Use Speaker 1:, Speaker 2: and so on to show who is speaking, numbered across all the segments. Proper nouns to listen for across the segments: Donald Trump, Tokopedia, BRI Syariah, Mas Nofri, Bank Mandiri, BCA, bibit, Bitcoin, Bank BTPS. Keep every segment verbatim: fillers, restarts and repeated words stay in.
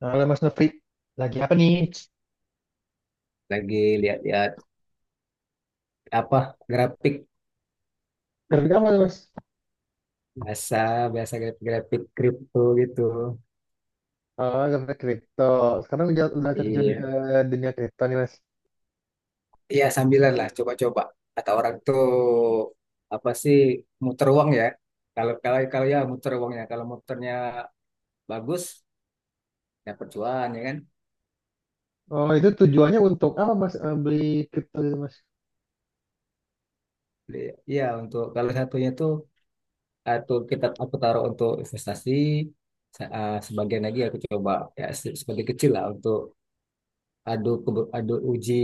Speaker 1: Halo Mas Nofri, lagi apa nih?
Speaker 2: Lagi lihat-lihat apa grafik
Speaker 1: Kerja apa, mas?
Speaker 2: bahasa bahasa grafik kripto gitu.
Speaker 1: Oh, kerja kripto. Sekarang udah, udah terjun
Speaker 2: Iya,
Speaker 1: ke dunia kripto nih, mas.
Speaker 2: iya sambilan lah coba-coba. Kata orang tuh apa sih muter uang ya? Kalau kalau kalau ya muter uangnya. Kalau muternya bagus, ya cuan ya kan?
Speaker 1: Oh, itu tujuannya untuk apa, mas? Eh, beli kripto itu, mas?
Speaker 2: Iya untuk kalau satunya tuh atau kita aku taruh untuk investasi, sa- eh, sebagian lagi aku coba, ya se- sebagai kecil lah untuk adu kebe- adu uji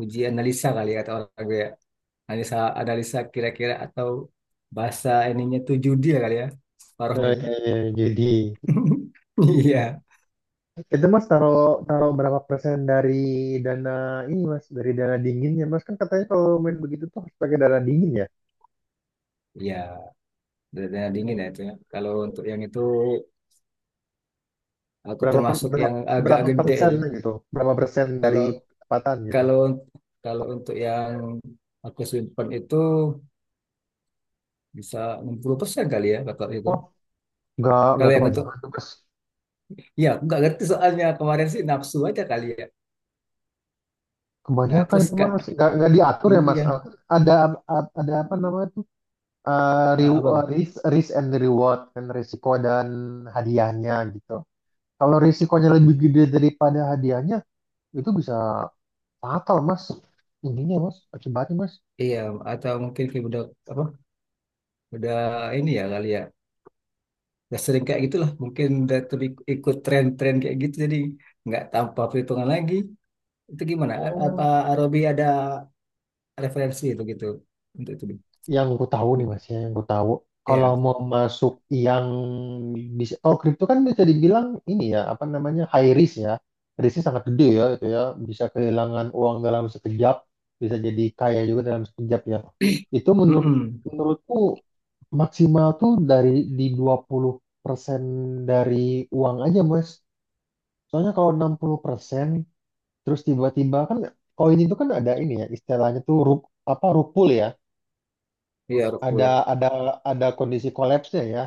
Speaker 2: uji analisa kali ya, kata orang gue, analisa analisa kira-kira atau bahasa ininya tuh judi ya kali ya, paruhnya
Speaker 1: Oh,
Speaker 2: itu.
Speaker 1: iya, iya. Jadi
Speaker 2: Iya.
Speaker 1: itu mas taruh taruh berapa persen dari dana ini, mas? Dari dana dinginnya, mas, kan katanya kalau main begitu tuh harus pakai dana dingin, ya?
Speaker 2: Iya, dada dingin ya itu ya kalau untuk yang itu, aku
Speaker 1: Berapa per-
Speaker 2: termasuk yang
Speaker 1: berapa,
Speaker 2: agak
Speaker 1: berapa
Speaker 2: gede
Speaker 1: persen
Speaker 2: itu.
Speaker 1: gitu? Berapa persen dari
Speaker 2: kalau
Speaker 1: pendapatan gitu?
Speaker 2: kalau kalau untuk yang aku simpan itu, bisa enam puluh persen kali ya, bakal itu.
Speaker 1: Oh, nggak nggak
Speaker 2: Kalau yang untuk,
Speaker 1: kebanyakan tuh, mas.
Speaker 2: ya aku nggak ngerti soalnya kemarin sih nafsu aja kali ya. Nah
Speaker 1: Kebanyakan
Speaker 2: terus
Speaker 1: itu,
Speaker 2: kak,
Speaker 1: mas, nggak nggak diatur ya, mas.
Speaker 2: iya,
Speaker 1: Eh, ada ada apa namanya tuh, eh,
Speaker 2: a-
Speaker 1: re-
Speaker 2: apa
Speaker 1: eh,
Speaker 2: tuh?
Speaker 1: risk risk and reward, kan, risiko dan hadiahnya gitu. Kalau risikonya lebih gede daripada hadiahnya, itu bisa fatal, mas. Ininya, mas, akibatnya, mas.
Speaker 2: Iya, atau mungkin kayak udah apa, udah ini ya kali ya, udah sering kayak gitulah, mungkin udah terbi- ikut tren-tren kayak gitu, jadi nggak tanpa perhitungan lagi. Itu gimana, A- apa,
Speaker 1: Oh,
Speaker 2: Robi, ada referensi itu gitu untuk itu?
Speaker 1: yang gue tahu nih, mas, ya, yang gue tahu, kalau
Speaker 2: Ya.
Speaker 1: mau masuk yang bisa, oh, kripto kan bisa dibilang ini ya, apa namanya, high risk ya, risknya sangat gede ya, itu ya, bisa kehilangan uang dalam sekejap, bisa jadi kaya juga dalam sekejap ya. Itu menurut
Speaker 2: Mm.
Speaker 1: menurutku maksimal tuh dari di dua puluh persen dari uang aja, mas. Soalnya kalau enam puluh persen terus tiba-tiba kan koin itu kan ada ini ya, istilahnya tuh rup, apa rupul ya,
Speaker 2: Iya,
Speaker 1: ada
Speaker 2: Rukul.
Speaker 1: ada ada kondisi kolapsnya ya.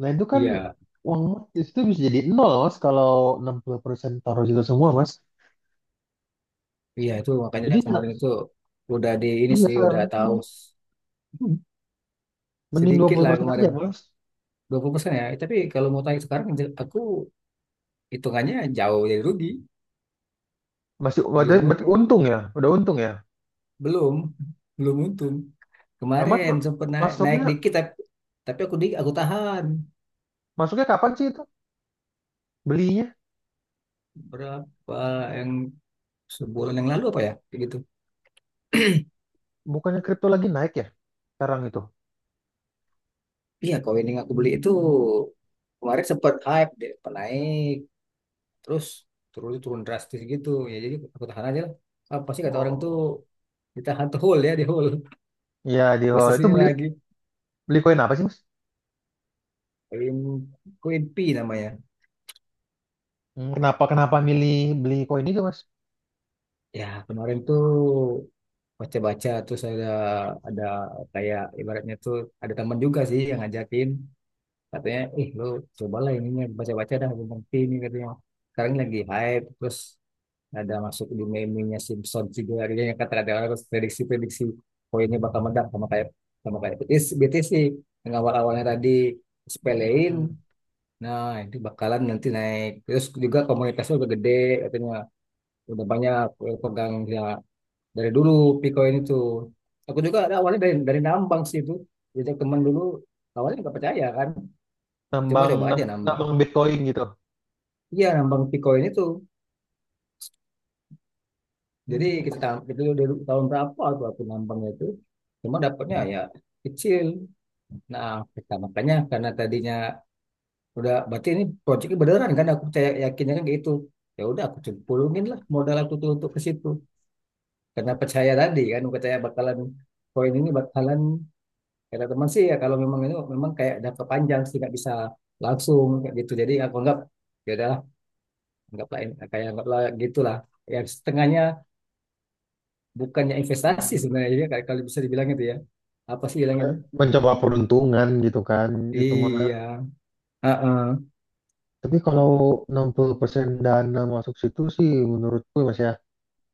Speaker 1: Nah, itu kan
Speaker 2: Iya,
Speaker 1: uang Mas itu bisa jadi nol, mas, kalau enam puluh persen taruh situ semua, mas.
Speaker 2: iya itu makanya
Speaker 1: Jadi sa-
Speaker 2: kemarin itu udah di ini
Speaker 1: iya,
Speaker 2: sih, udah
Speaker 1: sekarang itu
Speaker 2: tahu.
Speaker 1: mending
Speaker 2: Sedikit lah
Speaker 1: dua puluh persen aja,
Speaker 2: kemarin.
Speaker 1: mas.
Speaker 2: dua puluh persen ya, tapi kalau mau tanya sekarang, je- aku hitungannya jauh dari rugi.
Speaker 1: Masih berarti,
Speaker 2: Belum.
Speaker 1: berarti untung ya, udah untung ya.
Speaker 2: Belum, belum untung.
Speaker 1: Nah, Mas,
Speaker 2: Kemarin sempat naik, naik
Speaker 1: masuknya
Speaker 2: dikit tapi, tapi aku di, aku tahan.
Speaker 1: masuknya kapan sih itu belinya?
Speaker 2: Berapa yang sebulan yang lalu apa ya? Kayak gitu.
Speaker 1: Bukannya kripto lagi naik ya sekarang itu?
Speaker 2: Iya, koin yang aku beli itu kemarin sempat hype, dia sempat naik, terus turun turun drastis gitu. Ya jadi aku tahan aja lah. Apa sih kata orang tuh
Speaker 1: Oh,
Speaker 2: ditahan tuh? Hold ya, di hold.
Speaker 1: ya, di
Speaker 2: Buat
Speaker 1: awal itu
Speaker 2: sini
Speaker 1: beli
Speaker 2: lagi,
Speaker 1: beli koin apa sih, mas?
Speaker 2: koin koin P namanya.
Speaker 1: Hmm, Kenapa kenapa milih beli koin itu, mas?
Speaker 2: Ya, kemarin tuh baca-baca, terus ada ada kayak ibaratnya tuh ada teman juga sih yang ngajakin katanya, "Ih, lu cobalah ininya baca-baca dah belum ngerti ini," katanya. Sekarang lagi hype, terus ada masuk di meme-nya Simpsons juga akhirnya, yang kata ada orang, terus prediksi-prediksi poinnya bakal meledak sama kayak, sama kayak B T S. B T S sih yang awal-awalnya tadi sepelein,
Speaker 1: Hmm,
Speaker 2: nah itu bakalan nanti naik terus, juga komunitasnya udah gede katanya, udah banyak eh, pegang ya, dari dulu. Bitcoin itu aku juga ada awalnya dari dari nambang sih itu. Jadi teman dulu awalnya nggak percaya kan, coba
Speaker 1: nambang
Speaker 2: coba aja
Speaker 1: nam-
Speaker 2: nambang.
Speaker 1: nambang Bitcoin gitu.
Speaker 2: Iya, nambang Bitcoin itu, jadi
Speaker 1: Hmm,
Speaker 2: kita tam- itu dari tahun berapa tuh aku nambangnya itu, cuma dapatnya ya kecil. Nah, kita makanya karena tadinya udah berarti ini proyeknya beneran kan, aku percaya, yakinnya kan kayak gitu, ya udah aku cemplungin lah modal aku tuh untuk ke situ karena percaya tadi kan, percaya bakalan koin ini bakalan. Kata teman sih, ya kalau memang itu memang kayak jangka panjang sih nggak bisa langsung kayak gitu. Jadi aku anggap ya udahlah, anggaplah ini- kayak anggaplah gitulah. Ya setengahnya, bukannya investasi sebenarnya, jadi kayak kalau bisa dibilang itu ya. Apa sih bilangnya
Speaker 1: kayak
Speaker 2: itu?
Speaker 1: mencoba peruntungan gitu kan, itu mah.
Speaker 2: Iya. Heeh.
Speaker 1: Tapi kalau enam puluh persen dana masuk situ sih menurutku, mas, ya,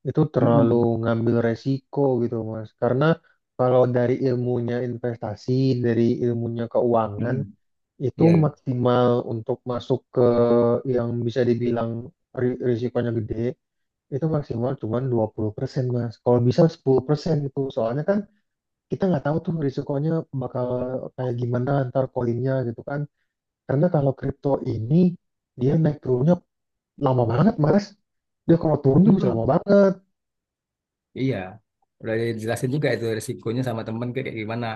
Speaker 1: itu terlalu
Speaker 2: Mm-mm.
Speaker 1: ngambil resiko gitu, mas, karena kalau dari ilmunya investasi, dari ilmunya keuangan,
Speaker 2: Mm-mm.
Speaker 1: itu
Speaker 2: Iya.
Speaker 1: maksimal untuk masuk ke yang bisa dibilang ri- risikonya gede itu maksimal cuma dua puluh persen, mas, kalau bisa sepuluh persen. Itu soalnya kan kita nggak tahu tuh risikonya bakal kayak gimana ntar koinnya gitu kan. Karena kalau kripto ini dia naik turunnya lama banget, mas. Dia kalau turun tuh bisa
Speaker 2: Mm-mm.
Speaker 1: lama banget.
Speaker 2: Iya. Udah dijelasin juga itu risikonya sama temen kayak gimana.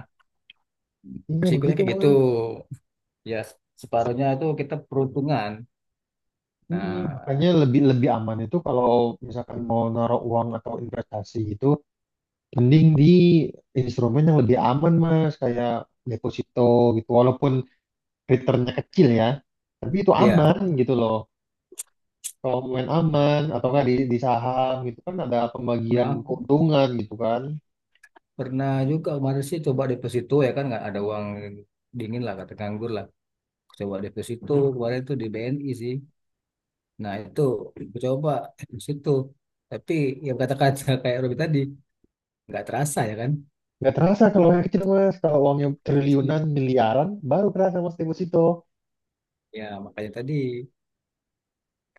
Speaker 1: Iya,
Speaker 2: Risikonya
Speaker 1: begitu
Speaker 2: kayak gitu.
Speaker 1: mas.
Speaker 2: Ya separuhnya itu kita peruntungan.
Speaker 1: Mm-mm.
Speaker 2: Nah,
Speaker 1: Makanya lebih lebih aman itu kalau misalkan mau naruh uang atau investasi itu mending di instrumen yang lebih aman, mas, kayak deposito gitu, walaupun returnnya kecil ya tapi itu aman
Speaker 2: iya.
Speaker 1: gitu loh. Kalau main aman atau nggak di, di saham gitu kan ada
Speaker 2: Nah,
Speaker 1: pembagian
Speaker 2: aku
Speaker 1: keuntungan gitu kan.
Speaker 2: pernah juga kemarin sih coba deposito, ya kan, nggak ada uang dingin lah, kata nganggur lah. Coba deposito kemarin tuh di B N I sih. Nah itu aku coba deposito. Tapi yang kata-kata kayak Robi tadi, nggak terasa ya kan.
Speaker 1: Nggak terasa kalau yang kecil, mas. Kalau uangnya
Speaker 2: Iya.
Speaker 1: triliunan, miliaran, baru kerasa, mas, deposito.
Speaker 2: Ya makanya tadi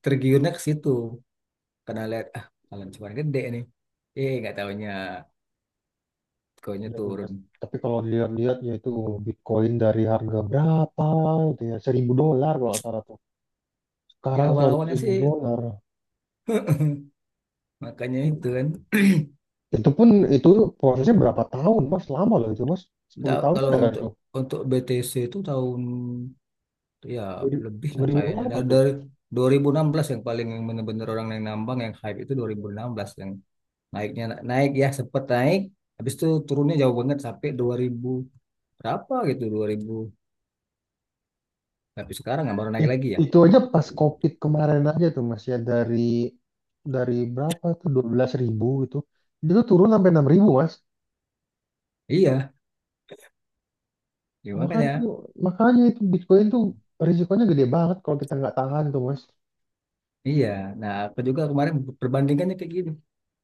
Speaker 2: tergiurnya ke situ karena lihat, ah kalau cuma gede nih. Eh, nggak tahunya koinnya
Speaker 1: Iya, iya, mas,
Speaker 2: turun.
Speaker 1: tapi kalau dilihat-lihat ya itu Bitcoin dari harga berapa gitu ya, seribu dolar kalau nggak salah tuh,
Speaker 2: Ya
Speaker 1: sekarang seratus
Speaker 2: awal-awalnya
Speaker 1: ribu
Speaker 2: sih
Speaker 1: dolar
Speaker 2: makanya
Speaker 1: Hmm.
Speaker 2: itu kan.
Speaker 1: Itu pun itu prosesnya berapa tahun, mas, lama loh itu, mas. Sepuluh
Speaker 2: Nggak,
Speaker 1: tahun
Speaker 2: kalau
Speaker 1: ada kan
Speaker 2: untuk
Speaker 1: itu.
Speaker 2: untuk B T C itu tahun ya
Speaker 1: Dari-
Speaker 2: lebih lah
Speaker 1: dua ribu
Speaker 2: kayaknya.
Speaker 1: berapa
Speaker 2: Nah,
Speaker 1: tuh.
Speaker 2: dari dua ribu enam belas, yang paling, yang bener-bener orang yang nambang, yang hype itu dua ribu enam belas, yang naiknya, naik ya, sempet naik, habis itu turunnya jauh banget sampai dua ribu berapa gitu, dua ribu. Tapi sekarang nggak, baru naik
Speaker 1: It-
Speaker 2: lagi ya.
Speaker 1: itu aja pas COVID kemarin aja tuh, Mas, ya dari dari berapa tuh, dua belas ribu gitu, itu tuh turun sampai enam ribu, Mas.
Speaker 2: Iya ya,
Speaker 1: makanya itu
Speaker 2: makanya.
Speaker 1: makanya itu Bitcoin tuh risikonya gede banget kalau kita nggak tahan tuh, Mas.
Speaker 2: Iya, nah aku juga kemarin perbandingannya kayak gini,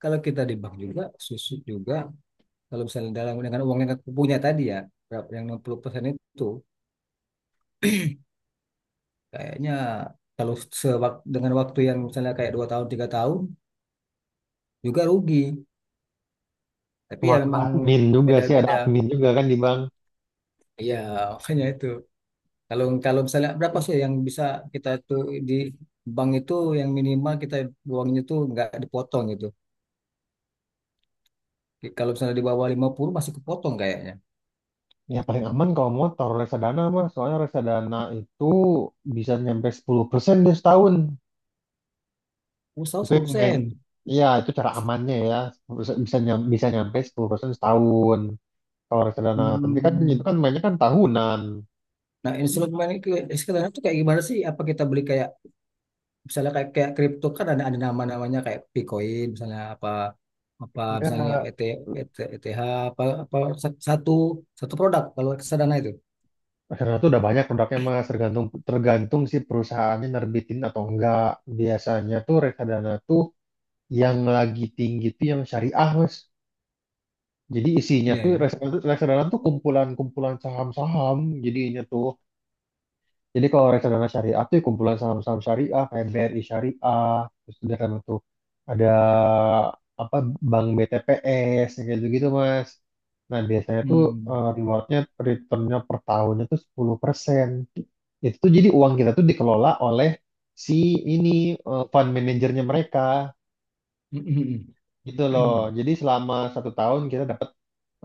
Speaker 2: kalau kita di bank juga susut juga kalau misalnya dalam, dengan uang yang aku punya tadi ya, berapa- yang enam puluh persen itu kayaknya, kalau sewak- dengan waktu yang misalnya kayak dua tahun tiga tahun juga rugi. Tapi ya
Speaker 1: Kemakan
Speaker 2: memang
Speaker 1: admin juga sih, ada
Speaker 2: beda-beda.
Speaker 1: admin juga kan di bank.
Speaker 2: Iya, makanya itu. Kalau kalau misalnya berapa sih yang bisa kita tuh di bank itu, yang minimal kita uangnya tuh nggak dipotong gitu. Kalau misalnya di bawah lima puluh masih kepotong kayaknya.
Speaker 1: Ya paling aman kalau motor reksadana, Mas, soalnya reksadana itu bisa nyampe sepuluh persen dia setahun.
Speaker 2: Usaha
Speaker 1: Itu yang,
Speaker 2: sepuluh persen.
Speaker 1: ya, itu cara amannya ya, bisa bisa nyam- bisa nyampe sepuluh persen setahun, kalau reksadana, tapi kan itu
Speaker 2: Hmm.
Speaker 1: kan mainnya kan tahunan.
Speaker 2: Nah, instrumen itu sekarang itu kayak gimana sih? Apa kita beli kayak misalnya kayak kayak kripto kan, ada ada nama-namanya kayak Bitcoin misalnya, apa apa misalnya
Speaker 1: Enggak,
Speaker 2: E T, E T, E T H, apa apa, satu satu produk kalau kesadaran itu.
Speaker 1: reksadana itu udah banyak produknya, mas, tergantung tergantung si perusahaannya nerbitin atau enggak. Biasanya tuh reksadana tuh yang lagi tinggi tuh yang syariah, mas. Jadi isinya
Speaker 2: Iya
Speaker 1: tuh
Speaker 2: ya.
Speaker 1: reksadana, reksadana, tuh kumpulan-kumpulan saham-saham jadinya tuh. Jadi kalau reksadana syariah tuh ya kumpulan saham-saham syariah kayak B R I Syariah, terus udah kan tuh ada apa, Bank B T P S yang kayak gitu-gitu, Mas. Nah, biasanya tuh
Speaker 2: Hmm.
Speaker 1: eh, rewardnya returnnya per tahunnya tuh sepuluh persen. Itu tuh jadi uang kita tuh dikelola oleh si ini eh, fund manajernya mereka gitu loh. Jadi selama satu tahun kita dapat,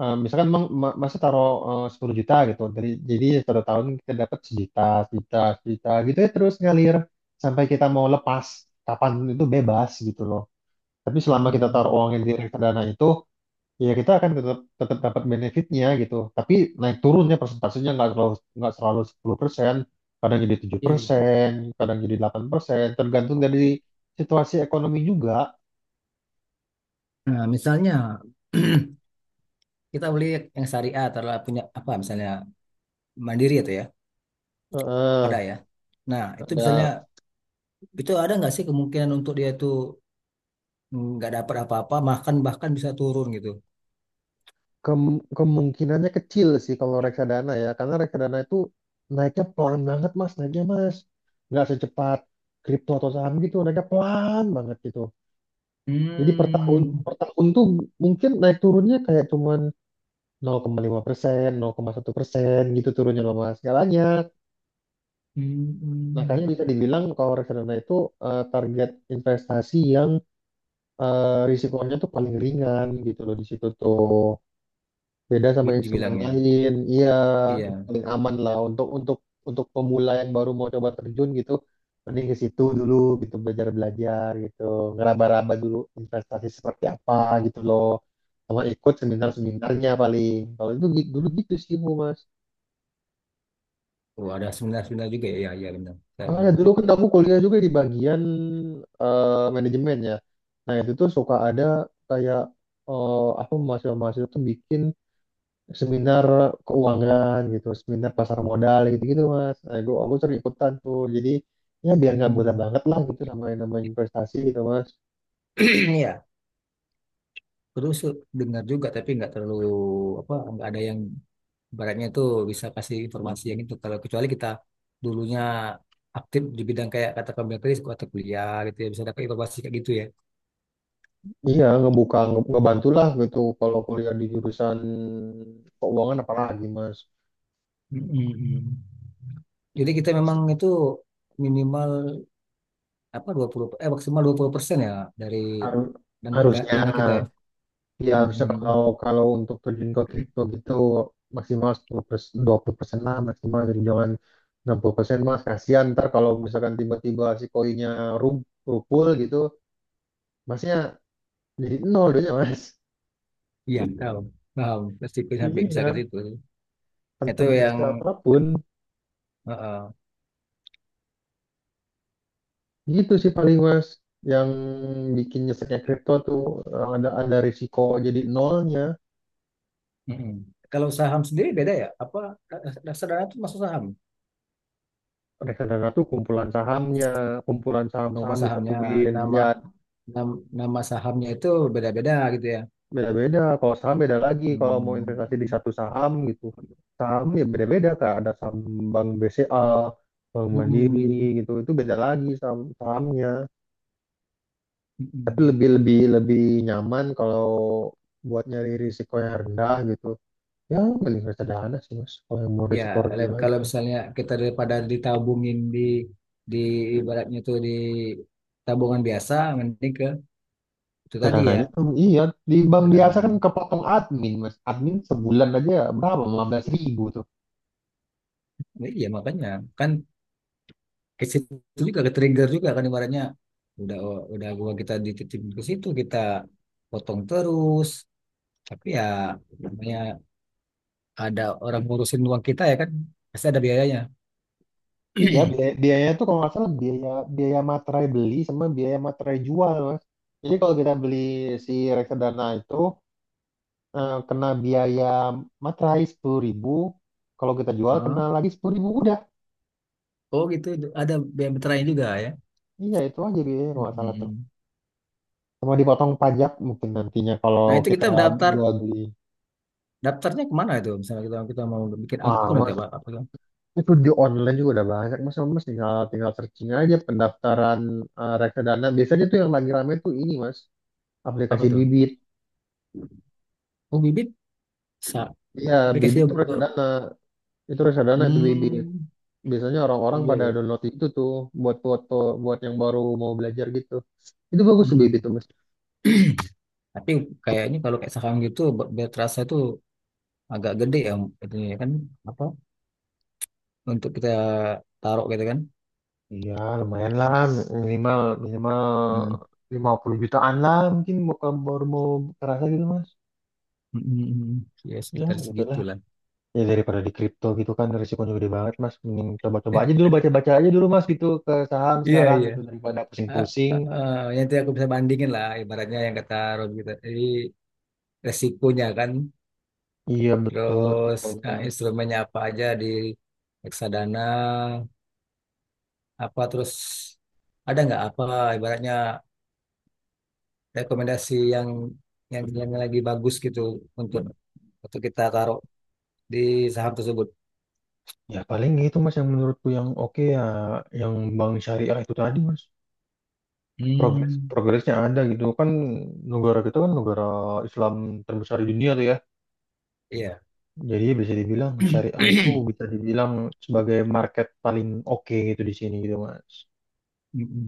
Speaker 1: eh, misalkan, Bang, ma- masa taruh, eh, sepuluh juta gitu. Dari, jadi satu tahun kita dapat sejuta, sejuta, sejuta gitu ya, terus ngalir sampai kita mau lepas kapan itu bebas gitu loh. Tapi
Speaker 2: Oh,
Speaker 1: selama kita
Speaker 2: oh,
Speaker 1: taruh
Speaker 2: oh.
Speaker 1: uangnya di reksadana itu, ya kita akan tetap tetap dapat benefitnya gitu. Tapi naik turunnya persentasenya nggak selalu nggak selalu sepuluh persen, kadang jadi tujuh
Speaker 2: Iya ya.
Speaker 1: persen, kadang jadi delapan persen, tergantung dari situasi ekonomi juga.
Speaker 2: Nah, misalnya, kita beli yang syariah atau punya, apa misalnya Mandiri itu ya, ada
Speaker 1: Heeh,
Speaker 2: ya. Nah, itu misalnya
Speaker 1: ada.
Speaker 2: itu ada nggak sih kemungkinan untuk dia itu nggak dapat apa-apa, bahkan bahkan bisa turun gitu?
Speaker 1: Kem- kemungkinannya kecil sih kalau reksadana ya, karena reksadana itu naiknya pelan banget, mas, naiknya, mas. Nggak secepat kripto atau saham gitu, naiknya pelan banget gitu. Jadi per tahun,
Speaker 2: Hmm.
Speaker 1: per tahun tuh mungkin naik turunnya kayak cuman nol koma lima persen, nol koma satu persen gitu turunnya loh, mas. Nggak banyak.
Speaker 2: Hmm. Hmm.
Speaker 1: Makanya bisa dibilang kalau reksadana itu eh, target investasi yang eh, risikonya tuh paling ringan gitu loh di situ tuh, beda sama
Speaker 2: di-
Speaker 1: instrumen
Speaker 2: dibilangnya.
Speaker 1: lain, iya. Itu
Speaker 2: Iya.
Speaker 1: paling aman lah untuk untuk untuk pemula yang baru mau coba terjun gitu, mending ke situ dulu gitu, belajar belajar gitu, ngeraba-raba dulu investasi seperti apa gitu loh, sama ikut seminar seminarnya, paling kalau itu gi- dulu gitu sih, Bu, Mas.
Speaker 2: Oh, ada seminar-seminar juga ya. Iya, iya benar. Saya
Speaker 1: Ah, ya
Speaker 2: dengar tuh.
Speaker 1: dulu kan aku kuliah juga di bagian eh, manajemen ya. Nah itu tuh suka ada, kayak eh, apa, mahasiswa-mahasiswa tuh bikin seminar keuangan gitu, seminar pasar modal gitu-gitu, mas. Nah, gue aku sering ikutan tuh. Jadi ya biar nggak buta
Speaker 2: Hmm.
Speaker 1: banget lah gitu sama yang namanya investasi gitu, mas.
Speaker 2: Iya, terus dengar juga tapi nggak terlalu apa, nggak ada yang Baratnya itu bisa kasih informasi yang itu, kalau kecuali kita dulunya aktif di bidang kayak kata kamu tadi atau kuliah gitu ya, bisa dapat informasi kayak gitu ya.
Speaker 1: Iya, ngebuka nge- ngebantu lah gitu kalau kuliah di jurusan keuangan apalagi, mas.
Speaker 2: Mm-mm. Jadi kita
Speaker 1: Mas,
Speaker 2: memang itu minimal apa dua puluh, eh maksimal dua puluh persen ya, dari
Speaker 1: har-
Speaker 2: dan- da-
Speaker 1: harusnya
Speaker 2: dana kita ya.
Speaker 1: ya, harusnya
Speaker 2: Mm-mm.
Speaker 1: kalau kalau untuk terjun ke kripto gitu maksimal sepuluh persen, dua puluh persen lah maksimal, jadi jangan enam puluh persen, mas, kasihan ntar kalau misalkan tiba-tiba si koinnya ru- rupul gitu, Masnya jadi nol doanya, mas.
Speaker 2: Iya, paham. Paham, pasti sampai bisa ke
Speaker 1: Iya,
Speaker 2: situ.
Speaker 1: tanpa
Speaker 2: Itu yang
Speaker 1: bersisa apapun.
Speaker 2: eh, eh.
Speaker 1: Gitu sih paling, mas. Yang bikin nyeseknya kripto tuh eh, ada ada risiko jadi nolnya.
Speaker 2: Mm-mm. Kalau saham sendiri beda ya? Apa eh, dasar dana itu masuk saham?
Speaker 1: Reksadana tuh kumpulan sahamnya, kumpulan
Speaker 2: Kalau
Speaker 1: saham-saham
Speaker 2: sahamnya
Speaker 1: disatuin.
Speaker 2: nama,
Speaker 1: Ya
Speaker 2: Nam- nama sahamnya itu beda-beda gitu ya.
Speaker 1: beda-beda. Kalau saham beda lagi, kalau mau investasi di
Speaker 2: Hmm.
Speaker 1: satu saham gitu. Saham ya beda-beda, kak. Ada saham Bank B C A, Bank
Speaker 2: Mm-mm.
Speaker 1: Mandiri gitu. Itu beda lagi saham sahamnya. Tapi
Speaker 2: Mm-mm.
Speaker 1: lebih lebih lebih nyaman kalau buat nyari risiko yang rendah gitu. Ya mending reksadana sih, mas, kalau yang mau
Speaker 2: Ya,
Speaker 1: risiko
Speaker 2: le-
Speaker 1: rendah
Speaker 2: kalau
Speaker 1: gitu,
Speaker 2: misalnya kita daripada ditabungin di di ibaratnya itu di tabungan biasa, mending ke itu tadi
Speaker 1: reksadana
Speaker 2: ya.
Speaker 1: itu. Iya, di bank biasa kan
Speaker 2: Karena
Speaker 1: kepotong admin, mas. Admin sebulan aja berapa? lima belas ribu tuh.
Speaker 2: iya, makanya kan ke situ juga ke trigger juga kan, ibaratnya udah, oh, udah gua, kita dititipin ke situ kita potong terus, tapi ya namanya ada orang ngurusin uang kita ya kan, pasti ada biayanya.
Speaker 1: Iya, biaya- biayanya tuh kalau nggak salah biaya biaya materai beli sama biaya materai jual, mas. Jadi kalau kita beli si reksadana itu eh, kena biaya materai sepuluh ribu ribu. Kalau kita jual kena lagi sepuluh ribu ribu, udah.
Speaker 2: Oh gitu, ada B M Veteran juga ya.
Speaker 1: Iya itu aja biayanya kalau nggak salah tuh.
Speaker 2: Mm-mm.
Speaker 1: Sama dipotong pajak mungkin nantinya kalau
Speaker 2: Nah itu kita
Speaker 1: kita
Speaker 2: mendaftar,
Speaker 1: jual beli.
Speaker 2: daftarnya kemana itu? Misalnya kita kita mau bikin
Speaker 1: Wah,
Speaker 2: akun atau
Speaker 1: mas,
Speaker 2: apa, apa, tuh?
Speaker 1: itu di online juga udah banyak. Mas, mas tinggal, tinggal searching aja pendaftaran eh, reksadana. Biasanya tuh yang lagi rame tuh ini, mas.
Speaker 2: Apa
Speaker 1: Aplikasi
Speaker 2: tuh?
Speaker 1: bibit.
Speaker 2: Oh, Bibit. Sa-
Speaker 1: Iya, bibit
Speaker 2: Aplikasinya
Speaker 1: tuh
Speaker 2: betul.
Speaker 1: reksadana. Itu reksadana itu bibit.
Speaker 2: Hmm,
Speaker 1: Biasanya orang-orang
Speaker 2: iya
Speaker 1: pada
Speaker 2: ya.
Speaker 1: download itu tuh buat foto, buat yang baru mau belajar gitu. Itu bagus tuh bibit
Speaker 2: Mm-mm.
Speaker 1: tuh, mas.
Speaker 2: Tapi kayaknya kalau kayak saham gitu, b- biar terasa itu agak gede ya, itu ya kan, apa? Untuk kita taruh gitu kan?
Speaker 1: Iya, lumayan lah. Minimal, minimal
Speaker 2: Hmm.
Speaker 1: lima puluh jutaan lah mungkin bukan, baru mau kerasa gitu, mas.
Speaker 2: mm Ya
Speaker 1: Ya,
Speaker 2: sekitar
Speaker 1: gitu lah.
Speaker 2: segitulah.
Speaker 1: Ya daripada di kripto gitu kan risikonya gede banget, mas. Mending coba-coba aja dulu, baca-baca aja dulu, mas, gitu ke saham
Speaker 2: Iya
Speaker 1: sekarang
Speaker 2: iya.
Speaker 1: gitu daripada
Speaker 2: Ah,
Speaker 1: pusing-pusing.
Speaker 2: ah, ah, nanti aku bisa bandingin lah, ibaratnya yang kata Rob gitu. Jadi resikonya kan.
Speaker 1: Iya, betul,
Speaker 2: Terus eh,
Speaker 1: kriptonya.
Speaker 2: instrumennya apa aja di reksadana? Apa terus ada nggak apa ibaratnya rekomendasi yang yang yang lagi bagus gitu untuk untuk kita taruh di saham tersebut?
Speaker 1: Ya paling gitu, mas, yang menurutku yang oke ya, yang bank syariah itu tadi, mas. Progres
Speaker 2: Hmm.
Speaker 1: progresnya ada gitu kan, negara kita kan negara Islam terbesar di dunia tuh ya.
Speaker 2: Iya.
Speaker 1: Jadi bisa dibilang syariah itu bisa dibilang sebagai market paling oke gitu di sini gitu, mas.
Speaker 2: Mm-mm.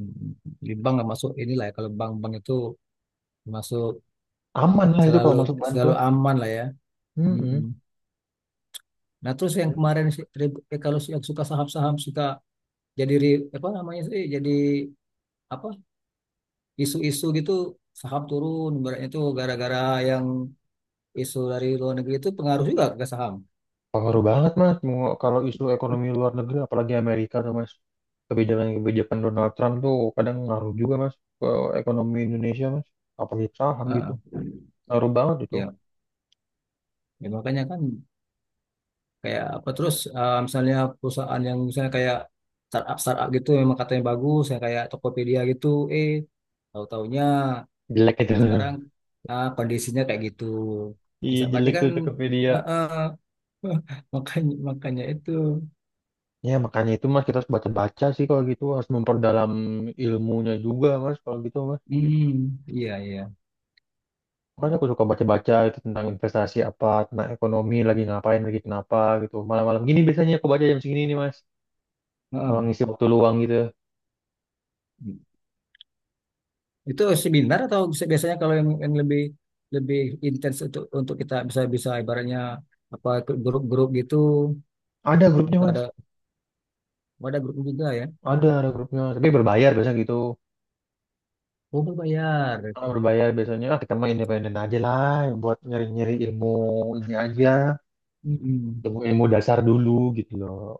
Speaker 2: Di bank nggak masuk inilah ya, kalau bank-bank itu masuk
Speaker 1: Aman lah itu kalau
Speaker 2: selalu
Speaker 1: masuk bantu.
Speaker 2: selalu aman lah ya.
Speaker 1: Mm.
Speaker 2: Mm-mm. Nah terus yang kemarin, si- tri- eh, kalau si- yang suka saham-saham suka jadi ri- apa namanya sih, jadi apa, isu-isu gitu, saham turun ibaratnya itu gara-gara yang isu dari luar negeri itu pengaruh juga ke saham.
Speaker 1: Pengaruh banget, mas, mau kalau isu ekonomi luar negeri, apalagi Amerika tuh, mas, kebijakan-kebijakan Donald Trump tuh kadang ngaruh juga, mas, ke ekonomi Indonesia, mas, apalagi saham gitu,
Speaker 2: Heeh.
Speaker 1: ngaruh banget itu.
Speaker 2: Ya, ya makanya kan kayak apa, terus eh, misalnya perusahaan yang misalnya kayak startup startup gitu, memang katanya bagus ya kayak Tokopedia gitu, eh tahu-taunya
Speaker 1: Jelek itu.
Speaker 2: sekarang, ah, kondisinya kayak gitu.
Speaker 1: Iya,
Speaker 2: Bisa berarti
Speaker 1: jelek
Speaker 2: kan,
Speaker 1: tuh Tokopedia.
Speaker 2: eh, eh, makanya makanya itu.
Speaker 1: Ya makanya itu, mas, kita harus baca-baca sih kalau gitu, harus memperdalam ilmunya juga, mas, kalau gitu, mas.
Speaker 2: Hmm, iya iya.
Speaker 1: Makanya aku suka baca-baca itu tentang investasi apa, tentang ekonomi lagi ngapain lagi, kenapa gitu. Malam-malam gini biasanya aku baca jam segini nih, mas. Kalau
Speaker 2: Heeh.
Speaker 1: ngisi waktu luang gitu.
Speaker 2: Itu seminar atau bisa- biasanya kalau yang, yang lebih lebih intens untuk untuk kita bisa bisa ibaratnya apa, ikut grup-grup gitu
Speaker 1: Ada grupnya,
Speaker 2: atau ada?
Speaker 1: mas.
Speaker 2: Oh, ada grup juga ya.
Speaker 1: Ada, ada grupnya. Tapi berbayar biasanya gitu.
Speaker 2: Oh, berbayar.
Speaker 1: Kalau berbayar biasanya, ah, kita mah independen aja lah. Buat nyari-nyari ilmu ini aja.
Speaker 2: Mm-mm.
Speaker 1: Ilmu, ilmu dasar dulu gitu loh.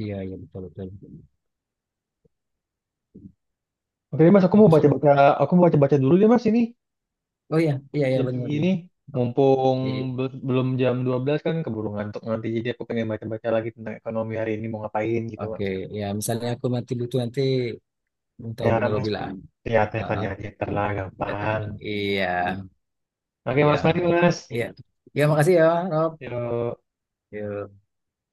Speaker 2: Iya iya betul betul.
Speaker 1: Oke deh, mas, aku
Speaker 2: Aku
Speaker 1: mau
Speaker 2: sih mau-
Speaker 1: baca-baca. Aku mau baca-baca dulu deh, mas, ini.
Speaker 2: oh iya iya iya
Speaker 1: Jam
Speaker 2: benar.
Speaker 1: segini.
Speaker 2: Benar.
Speaker 1: Mumpung
Speaker 2: I-
Speaker 1: be- belum jam dua belas kan, keburu ngantuk nanti. Jadi aku pengen baca-baca lagi tentang ekonomi hari ini, mau ngapain gitu,
Speaker 2: Oke,
Speaker 1: mas.
Speaker 2: ya misalnya aku mati butuh nanti, minta
Speaker 1: Ya,
Speaker 2: hubungi
Speaker 1: mas,
Speaker 2: Robi lah.
Speaker 1: lihat
Speaker 2: Ah,
Speaker 1: teleponnya
Speaker 2: ah,
Speaker 1: aja. Ntar lah
Speaker 2: katanya.
Speaker 1: gampang.
Speaker 2: Iya
Speaker 1: Oke,
Speaker 2: iya
Speaker 1: mas, mari mas.
Speaker 2: iya. Iya, makasih ya Rob.
Speaker 1: Yuk.
Speaker 2: Yuk.